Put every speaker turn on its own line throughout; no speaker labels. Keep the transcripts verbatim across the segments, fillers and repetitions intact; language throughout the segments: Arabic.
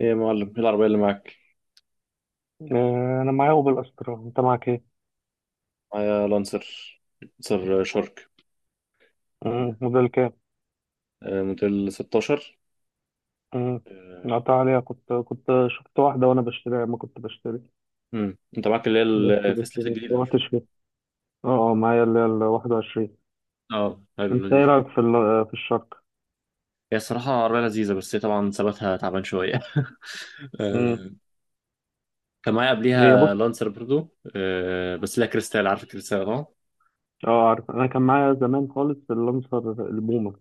ايه يا معلم ايه العربية اللي معاك؟
آه، انا معايا اوبل استرا، انت معاك ايه؟
معايا لانسر لانسر شارك.
مم، موديل كام؟
آه، موديل ستاشر.
مم،
آه،
قطع عليها، كنت كنت شفت واحده وانا بشتريها ما كنت بشتري.
امم انت معاك اللي هي
بس بس
الفيس ليفت
ما
الجديدة مش كده؟
روحتش فيها. اه اه، معايا اللي هي ال واحد وعشرين.
اه، حلو
انت ايه
لذيذ.
رايك في ال- آه، في الشرق؟
هي الصراحة عربية لذيذة بس هي طبعا ثباتها تعبان شوية.
مم،
آه. كان معايا
هي،
قبليها
بص.
لانسر برضو، آه، بس لها كريستال، عارف الكريستال اه.
اه، عارف انا كان معايا زمان خالص اللانسر البومه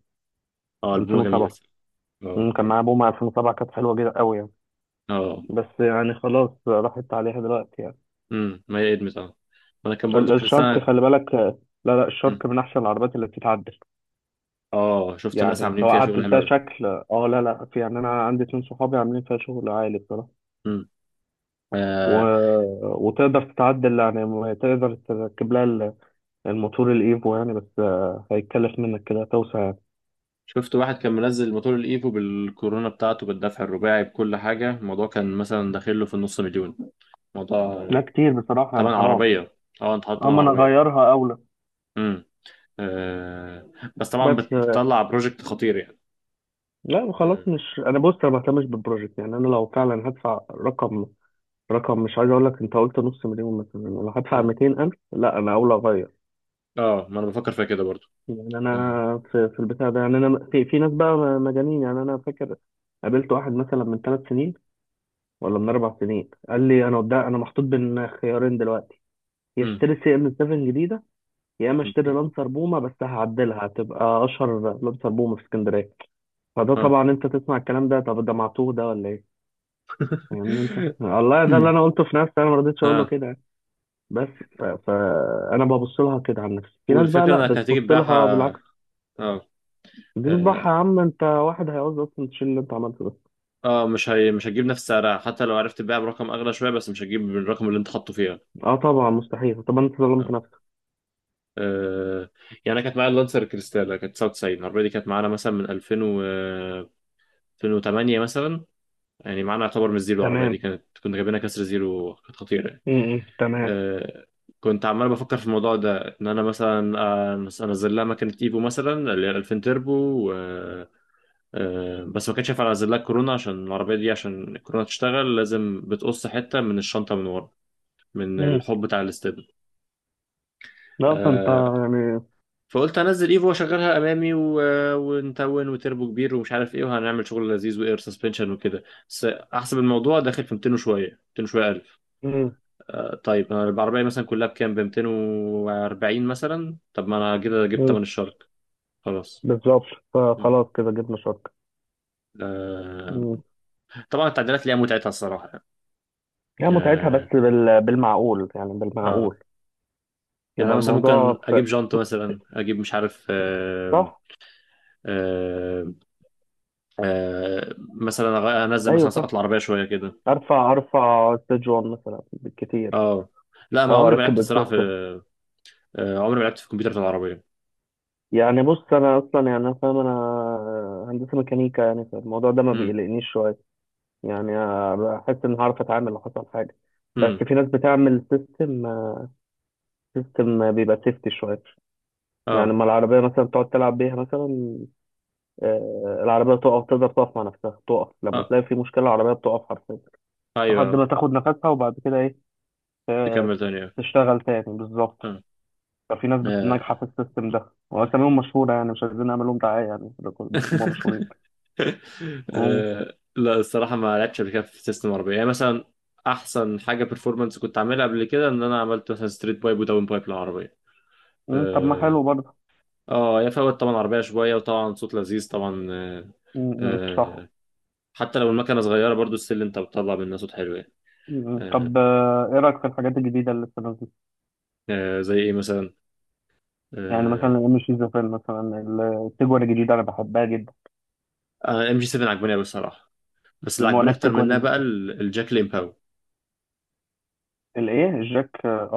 اه، البومة جميلة.
الفين وسبعه.
اه،
مم، كان
جميل.
معايا بومه الفين وسبعه، كانت حلوه جدا قوي يعني.
اه،
بس يعني خلاص، راحت عليها دلوقتي يعني.
امم ما هي ادمت اه. وانا كان برضو
ال- الشرق،
كريستال.
خلي بالك. آه، لا لا،
مم.
الشرق من احسن العربيات اللي بتتعدل.
اه، شفت الناس
يعني
عاملين
سواء
فيها شغل
عدلتها
حلو.
شكل، اه لا لا، في يعني انا عندي اتنين صحابي عاملين فيها شغل عالي بصراحه. و...
قوي.
وتقدر تتعدل يعني، م- تقدر تركب لها ال- الموتور الايفو يعني، بس آه، هيتكلف منك كده توسع يعني.
شفت واحد كان منزل موتور الايفو بالكورونا بتاعته بالدفع الرباعي بكل حاجة، الموضوع كان مثلا داخل له في النص مليون. موضوع
لا، كتير بصراحه يعني،
تمن
حرام.
عربية. اه، انت حاطط تمن
اما انا
عربية.
اغيرها اولى.
امم. آه، بس طبعا بت-
بس آه،
بتطلع بروجكت خطير يعني.
لا خلاص،
امم.
مش انا، بص انا ما بهتمش بالبروجكت يعني. انا لو فعلا هدفع رقم رقم مش عايز اقول لك، انت قلت نص مليون مثلا، لو هدفع
أمم.
ميتين الف لا انا اولى اغير.
اه، ما انا بفكر فيها كده برضو.
يعني
امم.
انا في في البتاع ده يعني، انا في في ناس بقى مجانين يعني. انا فاكر قابلت واحد مثلا من ثلاث سنين، ولا من اربع سنين، قال لي: انا قدام، انا محطوط بين خيارين دلوقتي. يا
أمم.
اشتري سي ام سبعه جديده، يا اما اشتري لانسر بومه بس هعدلها هتبقى اشهر لانسر بومه في اسكندريه. فده
اه.
طبعا انت تسمع الكلام ده، طب ده معتوه ده ولا ايه؟ فاهمني انت والله، ده اللي
أمم.
انا قلته في نفسي، انا ما رضيتش اقول له
اه،
كده يعني. بس ف... فانا ببص لها كده عن نفسي، في ناس بقى
والفكرة
لا
انك هتيجي
بتبص لها
تبيعها.
بالعكس.
اه.
تذبح يا
اه.
عم انت، واحد هيعوز اصلا تشيل اللي انت عملته ده.
آه، مش هي... مش هتجيب نفس سعرها حتى لو عرفت تبيعها برقم اغلى شوية، بس مش هتجيب بالرقم اللي انت حاطه فيها.
اه طبعا مستحيل. طب انت ظلمت نفسك.
آه، يعني انا كانت معايا اللانسر كريستالا، كانت تسعه وتسعين، العربيه دي كانت معانا مثلا من ألفين و ألفين وتمانيه مثلا، يعني معانا يعتبر من الزيرو. العربيه دي
تمام.
كانت كنا جايبينها كسر زيرو، كانت خطيره يعني.
امم تمام.
آه، كنت عمال بفكر في الموضوع ده ان انا مثلا آه، انزل لها مكنه ايفو مثلا، اللي هي ألفين تربو و... آه، بس ما كانش ينفع انزل لها كورونا، عشان العربيه دي، عشان الكورونا تشتغل لازم بتقص حته من الشنطه من ورا، من
امم
الحب بتاع
لا ده انت
الاستبن.
يعني.
فقلت انزل ايفو واشغلها امامي و... ونتون وتربو كبير ومش عارف ايه، وهنعمل شغل لذيذ واير سسبنشن وكده. بس احسب الموضوع داخل في ميتين وشويه، ميتين وشويه الف.
مم.
آه طيب، انا العربيه مثلا كلها بكام، ب ميتين واربعين مثلا، طب ما انا كده جبت
مم.
تمن الشرك. خلاص.
بالظبط.
م.
فخلاص كده جبنا شركة.
آه
مم.
طبعا التعديلات ليها متعتها الصراحه يعني.
يعني متعتها بس
اه.
بال... بالمعقول يعني
اه،
بالمعقول.
يعني انا
يبقى
مثلا
الموضوع
ممكن
في...
اجيب جانت مثلا، اجيب مش عارف آه.
صح.
آه. آه مثلا أغ- انزل مثلا
ايوه فاهم،
سقط العربيه شويه كده.
ارفع ارفع ستيج واحد مثلا بالكتير،
اه، لا ما
او
عمري ما
اركب
لعبت الصراحه في،
اكزوست.
آه، عمري ما لعبت في الكمبيوتر في العربيه.
يعني بص انا اصلا يعني انا فاهم، انا هندسة ميكانيكا يعني، فالموضوع ده ما
امم.
بيقلقنيش شوية. يعني آه، بحس ان هعرف اتعامل لو حصل حاجه. بس
امم.
في ناس بتعمل سيستم، سيستم بيبقى سيفتي شويه. يعني
اه.
لما العربيه مثلا تقعد تلعب بيها مثلا، آه، العربيه تقف، تقدر تقف مع نفسها، تقف لما
اه.
تلاقي في مشكله، العربيه بتقف حرفيا لحد
ايوه.
ما تاخد نفسها وبعد كده ايه؟ آه،
تكمل تاني آه.
تشتغل تاني بالظبط.
آه.
ففي ناس بت-
آه.
ناجحه في السيستم ده، واساميهم مشهوره يعني، مش عايزين نعمل لهم دعايه يعني في الريكورد، بس هم مشهورين. مم.
آه. لا الصراحه ما لعبتش قبل كده في سيستم عربيه، يعني مثلا احسن حاجه بيرفورمانس كنت عاملها قبل كده ان انا عملت مثلا ستريت بايب وداون بايب للعربيه.
مم، طب ما حلو
اه.
برضه.
اه، هي فوت طبعا عربيه شويه، وطبعا صوت لذيذ طبعا آه.
مم، مم، صح.
آه. حتى لو المكنه صغيره برضو السل، انت بتطلع منها صوت حلو يعني.
مم. مم.
آه.
طب، آه، ايه رايك في الحاجات الجديده اللي لسه نازله؟
آه. زي ايه مثلا؟
يعني مثلا
آه،
الام شيزوفرين مثلا، التجوان الجديده انا بحبها جدا.
ام جي سبعه عجباني قوي الصراحه، بس اللي عجباني
وانا
اكتر منها
التجوان.
بقى ال- الجاك ليمباو.
الايه الجاك؟ اه.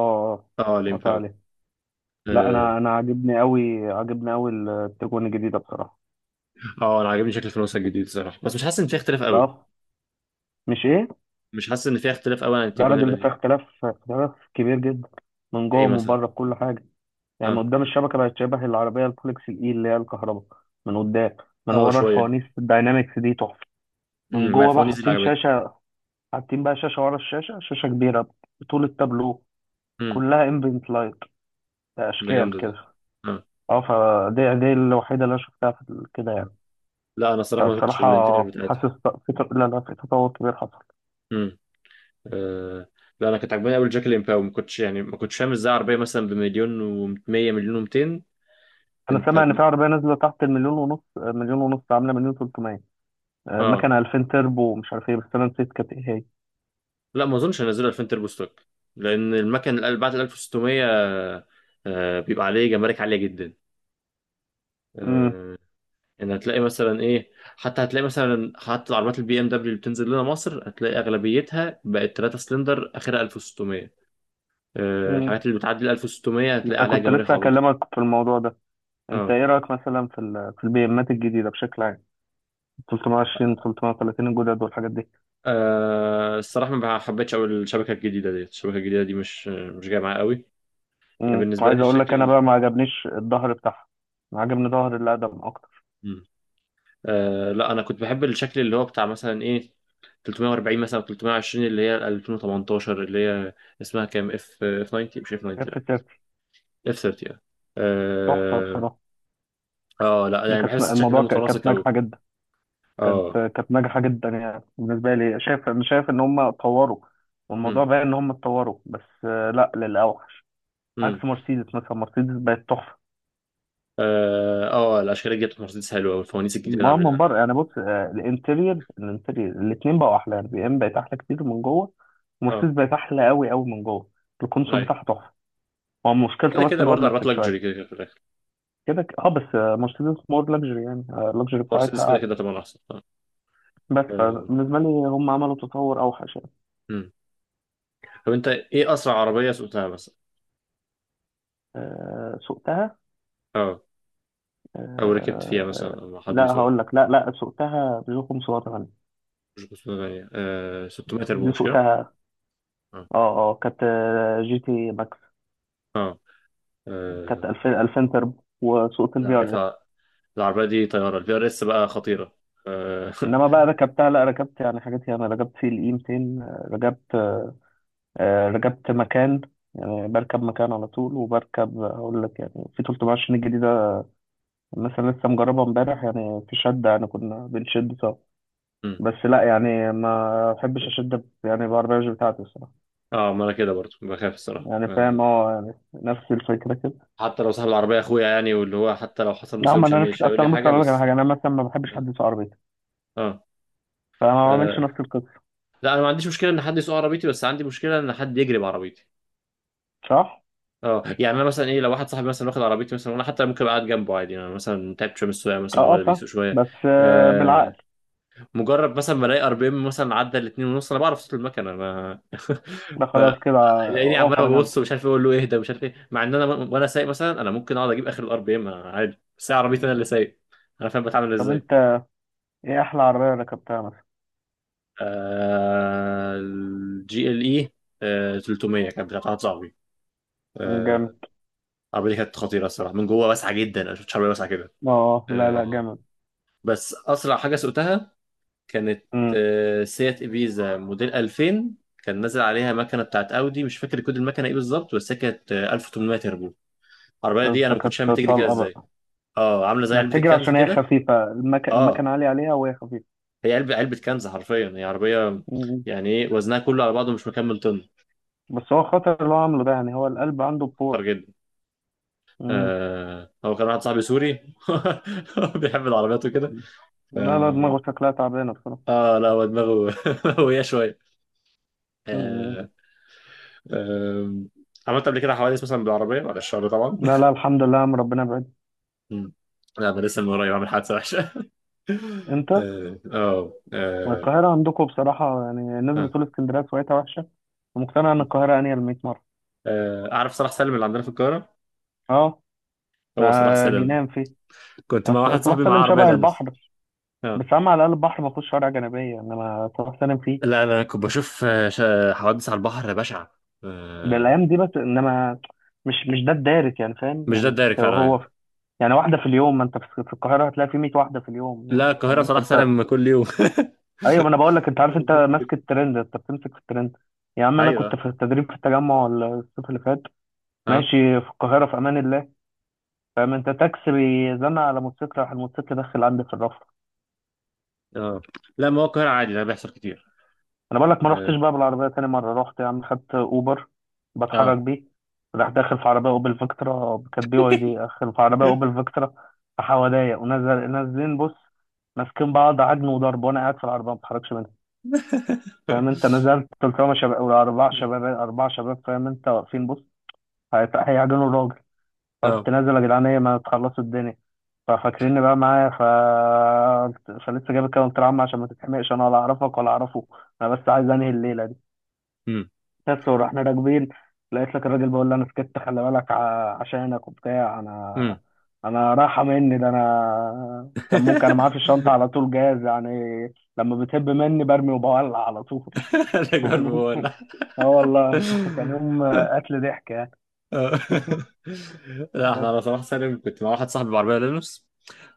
اه
اه قطع
ليمباو.
عليه. لا،
اه.
انا انا عاجبني قوي، عاجبني قوي التجوان الجديده بصراحه.
آه، انا عاجبني شكل الفانوس الجديد الصراحه، بس مش حاسس ان فيها اختلاف قوي.
لا، مش ايه،
مش حاسس ان فيها اختلاف قوي عن
ده
التيجوان
الراجل ده فيه
القديم.
اختلاف، اختلاف كبير جدا من جوه
ايه
ومن
مثلا؟
بره في كل حاجه. يعني من
اه.
قدام، الشبكه بقت شبه العربيه الفولكس الاي اللي هي الكهرباء من قدام. من
اه
ورا
شويه.
الفوانيس الداينامكس دي تحفه. من
امم، ما
جوه بقى
الفوانيس دي اللي
حاطين
عجبتني.
شاشه، حاطين بقى شاشه ورا الشاشه، شاشه كبيره بطول التابلو
امم.
كلها امبنت لايت
ده
اشكال
جامده دي.
كده.
اه.
اه، فدي دي الوحيده اللي انا شفتها في كده
آه.
يعني.
لا انا الصراحه ما شفتش
فبصراحه
الانتيريور بتاعتها.
حاسس في ت- لا لا، في تطور كبير حصل.
امم. آه. لا انا كنت عجباني قوي الجاك ليمباو، ما كنتش يعني ما كنتش فاهم ازاي عربيه مثلا بمليون و100 مليون و200.
انا سامع
انت.
ان في عربيه نازله تحت المليون ونص، مليون ونص، عامله مليون تلت ميه، آه،
اه،
مكنه الفين تربو ومش عارف ايه، بس انا نسيت كانت ايه هي.
لا ما اظنش هينزلوا ألفين تربو ستوك، لان المكن ال- بعد ال ألف وستميه آه، بيبقى عليه جمارك عاليه جدا.
امم
آه، يعني هتلاقي مثلا ايه، حتى هتلاقي مثلا حتى العربيات البي ام دبليو اللي بتنزل لنا مصر، هتلاقي اغلبيتها بقت ثلاث سلندر اخرها ألف وستمائة. آه،
امم
الحاجات اللي بتعدي ال ألف وستميه هتلاقي
انا
عليها
كنت
جمارك
لسه
عبيطه.
هكلمك في الموضوع ده. انت
اه.
ايه رايك مثلا في ال في البي امات الجديده بشكل عام، تلت ميه وعشرين، تلت ميه وتلاتين الجدد والحاجات دي.
آه، الصراحه ما حبيتش قوي الشبكه الجديده ديت، الشبكه الجديده دي مش مش جايه معايا قوي. يعني
امم
بالنسبه
وعايز
لي
اقول لك انا
الشكل
بقى ما عجبنيش الظهر بتاعها. ما عجبني ظهر اللي اقدم اكتر.
ال... آه لا انا كنت بحب الشكل اللي هو بتاع مثلا ايه ثلاثمائة واربعين مثلا، ثلاثمائة وعشرين اللي هي ألفين وثمانية عشر اللي هي اسمها كام اف اف تسعين، مش اف تسعين،
كانت في
لا
سيرتي
اف تلاتين.
تحفه
اه.
بصراحه.
اه. آه، لا
يعني
يعني
كانت
بحس الشكل ده
الموضوع ك-
متناسق
كانت
قوي.
ناجحه جدا. كانت
اه.
كانت ناجحه جدا يعني. بالنسبه لي شايف، انا شايف ان هم اتطوروا. والموضوع
امم.
بقى ان هم اتطوروا، بس آه، لا، للاوحش.
امم.
عكس مرسيدس مثلا، مرسيدس بقت تحفه.
اه. آه، الاشكال الجديده بتاعت مرسيدس حلوه والفوانيس الجديده اللي
ما من
عاملينها.
بره يعني، بص آه، الانتريور، الانتريور الاثنين بقوا احلى يعني، بي ام بقت احلى كتير من جوه.
اه.
مرسيدس بقت احلى قوي قوي من جوه. الكونسول
لا
بتاعها تحفه. هو مشكلته
كده
بس
كده
ان هو
برضه عربيات
بلاستيك
لكجري،
شويه.
كده كده في الاخر.
كده ك- اه، بس آه، مرسيدس مور لاكجري يعني، اللكجري
مرسيدس
بتاعتها
كده
اعلى.
كده طبعا احسن اه.
بس
آه.
فبالنسبه لي هم عملوا تطور اوحش يعني.
امم. طب انت ايه اسرع عربيه سوقتها مثلا؟
آه، سوقتها.
اه. او ركبت فيها
آه، آه،
مثلا، او حد
لا
بيسوقها.
هقول لك، لا لا، سوقتها بيجو خمس ميه وتمنيه.
مش خمسميه وتمانيه، آه ستمائة تربو
دي
مش كده؟
سوقتها.
اه.
اه اه كانت آه، جي تي ماكس.
اه.
كانت
آه،
2000
والله.
2000 تربو، وسوقت
انا
الفي ار اس.
عارفها. العربية دي طيارة، الفي ار اس بقى خطيرة. اه.
انما بقى ركبتها، لا ركبت يعني حاجات يعني، ركبت سي ال اي ميتين، آه، ركبت، آه، ركبت مكان. يعني بركب مكان على طول، وبركب هقول لك يعني، في تلت ميه وعشرين الجديدة مثلا لسه مجربها امبارح يعني، في شدة يعني كنا بنشد سوا.
مم.
بس لا يعني، ما بحبش اشد يعني بعربية بتاعتي الصراحة.
آه، ما انا كده برضو بخاف الصراحة
يعني فاهم
آه.
اه يعني نفس الفكره كده.
حتى لو صاحب العربية اخويا يعني، واللي هو حتى لو حصل
لا
مصيبة
ما
مش هي-
انا نفس،
مش
اصل
هيقول لي
انا بص،
حاجة،
أنا اقول لك على
بس
حاجه، انا مثلا ما بحبش
اه.
حد يسوق عربيتي.
آه.
فما بعملش
آه.
نفس القصه.
لا انا ما عنديش مشكلة ان حد يسوق عربيتي، بس عندي مشكلة ان حد يجري بعربيتي.
صح؟
اه، يعني انا مثلا ايه، لو واحد صاحبي مثلا واخد عربيتي مثلا، وانا حتى ممكن ابقى قاعد جنبه عادي، يعني انا مثلا تعبت شويه من السواقه مثلا، هو
اه اه،
اللي
فاهم.
بيسوق شويه.
بس آه، بالعقل.
آه. مجرد مثلا ما الاقي ار بي ام مثلا عدى الاتنين ونص، انا بعرف صوت المكنه انا.
ده خلاص كده.
فلاقيني عمال
اقف على جنب.
ببص، ومش عارف اقول له اهدى ومش عارف ايه، مع ان انا م- وانا سايق مثلا انا ممكن اقعد اجيب اخر الار بي ام عادي، بس هي عربيتي انا
مم.
اللي سايق. انا فاهم بتعمل
طب
ازاي.
انت، ايه احلى عربيه ركبتها مثلا؟
آه الجي ال اي تلتميه كانت بتاعت واحد صاحبي.
مم،
آه،
جامد.
العربيه دي كانت خطيره الصراحه، من جوه واسعه جدا، انا ما شفتش عربيه واسعه كده.
اه، أه، لا
آه.
لا
اه.
جامد.
بس اسرع حاجه سوقتها كانت،
امم
آه، سيات إبيزا موديل ألفين، كان نازل عليها مكنه بتاعت اودي، مش فاكر كود المكنه ايه بالظبط، بس هي كانت آه، ألف وثمانمائة تربو. العربيه دي انا ما
فكانت
كنتش فاهم بتجري كده
طلقه
ازاي.
بقى.
اه، عامله زي
ما
علبه
بتجري
الكنز
عشان هي
كده.
خفيفه، المك...
اه،
المكنه عاليه عليها وهي خفيفه.
هي علبه، علبه كنز حرفيا، هي عربيه
مم.
يعني ايه، وزنها كله على بعضه مش مكمل طن.
بس هو خطر اللي هو عامله ده يعني، هو القلب عنده
خطر
بور.
جدا.
مم.
آه هو كان واحد صاحبي سوري. بيحب العربيات وكده.
لا لا،
اه.
دماغه شكلها تعبانه بصراحه.
آه، لا هو دماغه هوية شويه.
مم.
آه. آه. عملت قبل كده حوادث مثلا بالعربيه، بعد الشر طبعا.
لا لا، الحمد لله يا عم، ربنا بعيد.
مم. لا ده لسه من قريب عامل حادثه وحشه.
انت،
اه. اه.
ما
آه.
القاهرة عندكم بصراحة يعني، الناس
آه.
بتقول اسكندرية سويتها وحشة، ومقتنع ان القاهرة انيل ميه مرة.
آه، اعرف صلاح سالم اللي عندنا في القاهره.
اه، ما
هو صلاح سالم ده،
جنان فيه.
كنت مع واحد
أصل صلاح
صاحبي معاه
سالم
عربيه
شبه
لانوس.
البحر، بس
اه.
عم، على الاقل البحر ما فيهوش شوارع جانبية، انما صلاح سالم
لا
فيه.
لا انا كنت بشوف آه، شا- حوادث على البحر بشعه.
ده
آه،
الايام دي بس، انما مش مش ده الدارس يعني، فاهم
مش ده
يعني،
الدايركت
هو
فعلا يعني.
هو. يعني واحدة في اليوم، ما انت في في القاهرة هتلاقي في ميه واحدة في اليوم
لا
يعني،
القاهره
فاهم
صلاح
فانت.
سالم كل يوم.
ايوه، ما انا بقول لك، انت عارف،
في
انت
كتير.
ماسك الترند، انت بتمسك في الترند. يا عم، انا كنت
ايوه.
في التدريب في التجمع الصيف اللي فات،
اه.
ماشي في القاهرة في أمان الله، فاهم أنت، تاكسي بيزنق على موتوسيكل، راح الموتوسيكل داخل عندي في الرف.
اه. لا ما هو القاهره عادي ده بيحصل كتير.
أنا بقول لك، ما رحتش
اه.
بقى بالعربية تاني مرة، رحت يا عم خدت أوبر،
اه.
بتحرك بيه. راح داخل في عربية أوبل فيكترا، كانت بي واي دي داخل في عربية أوبل فيكترا، في حواليا ونزل نازلين بص، ماسكين بعض عجن وضرب، وأنا قاعد في العربية ما بتحركش منها. فاهم أنت، نزلت قلت لهم يا شباب، ولا أربع شباب، أربع شباب فاهم أنت، واقفين بص. هيت- هيعجنوا الراجل. فرحت
اه.
نازل، يا جدعان إيه، ما تخلصوا الدنيا. ففاكريني بقى معايا، ف فلسه جايب الكلام طلع عم، عشان ما تتحمقش، انا ولا اعرفك ولا اعرفه. انا بس عايز انهي الليله دي.
امم.
بس، ورحنا راكبين. لقيت لك الراجل بقول لي: انا سكت، خلي بالك ع- عشانك وبتاع.
امم.
انا انا رايحه مني ده، انا كان ممكن، انا معايا في الشنطه على طول جاهز يعني. لما بتهب مني برمي وبولع على طول.
انا جرب.
اه
لا،
والله، كان يوم قتل ضحك يعني.
احنا
بس.
على صلاح سالم كنت مع واحد صاحبي بعربية لينوس،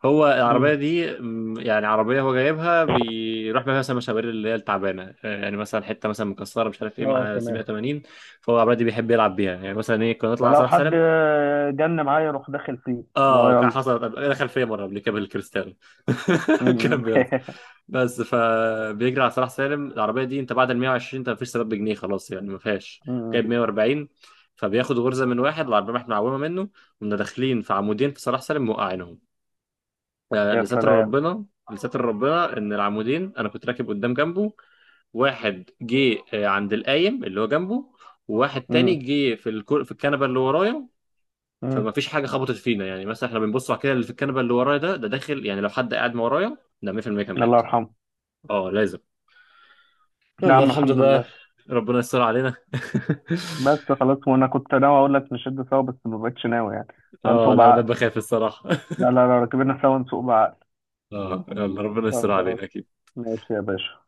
هو العربية
مم.
دي م، يعني عربية، هو جايبها بيروح بيها مثلا مشاوير اللي هي التعبانة، آه، يعني مثلا حتة مثلا مكسرة مش عارف ايه
اه
مع
تمام.
سبعمائة وثمانين. فهو العربية دي بيحب يلعب بيها، يعني مثلا ايه، كنا نطلع على
فلو
صلاح
حد
سالم.
جن معايا يروح داخل فيه. اللي هو
اه كان
يلا.
حصلت قبل- دخل فيا مره قبل كده بالكريستال.
م-
كان بيض. بس فبيجري على صلاح سالم العربيه دي، انت بعد ال ميه وعشرين انت مفيش سبب بجنيه خلاص يعني ما فيهاش.
م.
جايب ميه واربعين. فبياخد غرزه من واحد، العربيه احنا معومه منه، ومنا داخلين في عمودين في صلاح سالم، موقعينهم. آه،
يا
لستر
سلام.
ربنا. لستر ربنا ان العمودين، انا كنت راكب قدام جنبه، واحد جه آه، عند القايم اللي هو جنبه، وواحد تاني
م-
جه في الكر... في الكنبه اللي ورايا.
م.
فما فيش حاجه خبطت فينا، يعني مثلا احنا بنبص على كده، اللي في الكنبه اللي ورايا ده، ده داخل يعني لو حد قاعد ما ورايا ده ميه بالميه كان
الله
مات.
يرحمه.
اه لازم. يلا
نعم،
الحمد
الحمد
لله.
لله.
ربنا يستر علينا.
بس خلاص، وانا كنت ناوي اقول لك نشد سوا، بس ما بقتش ناوي يعني.
اه،
هنسوق
لا انا بقيت
بعقل.
بخاف الصراحه.
لا لا لا، ركبنا سوا نسوق بعقل.
اه يلا ربنا يستر
خلاص،
علينا اكيد.
ماشي يا باشا.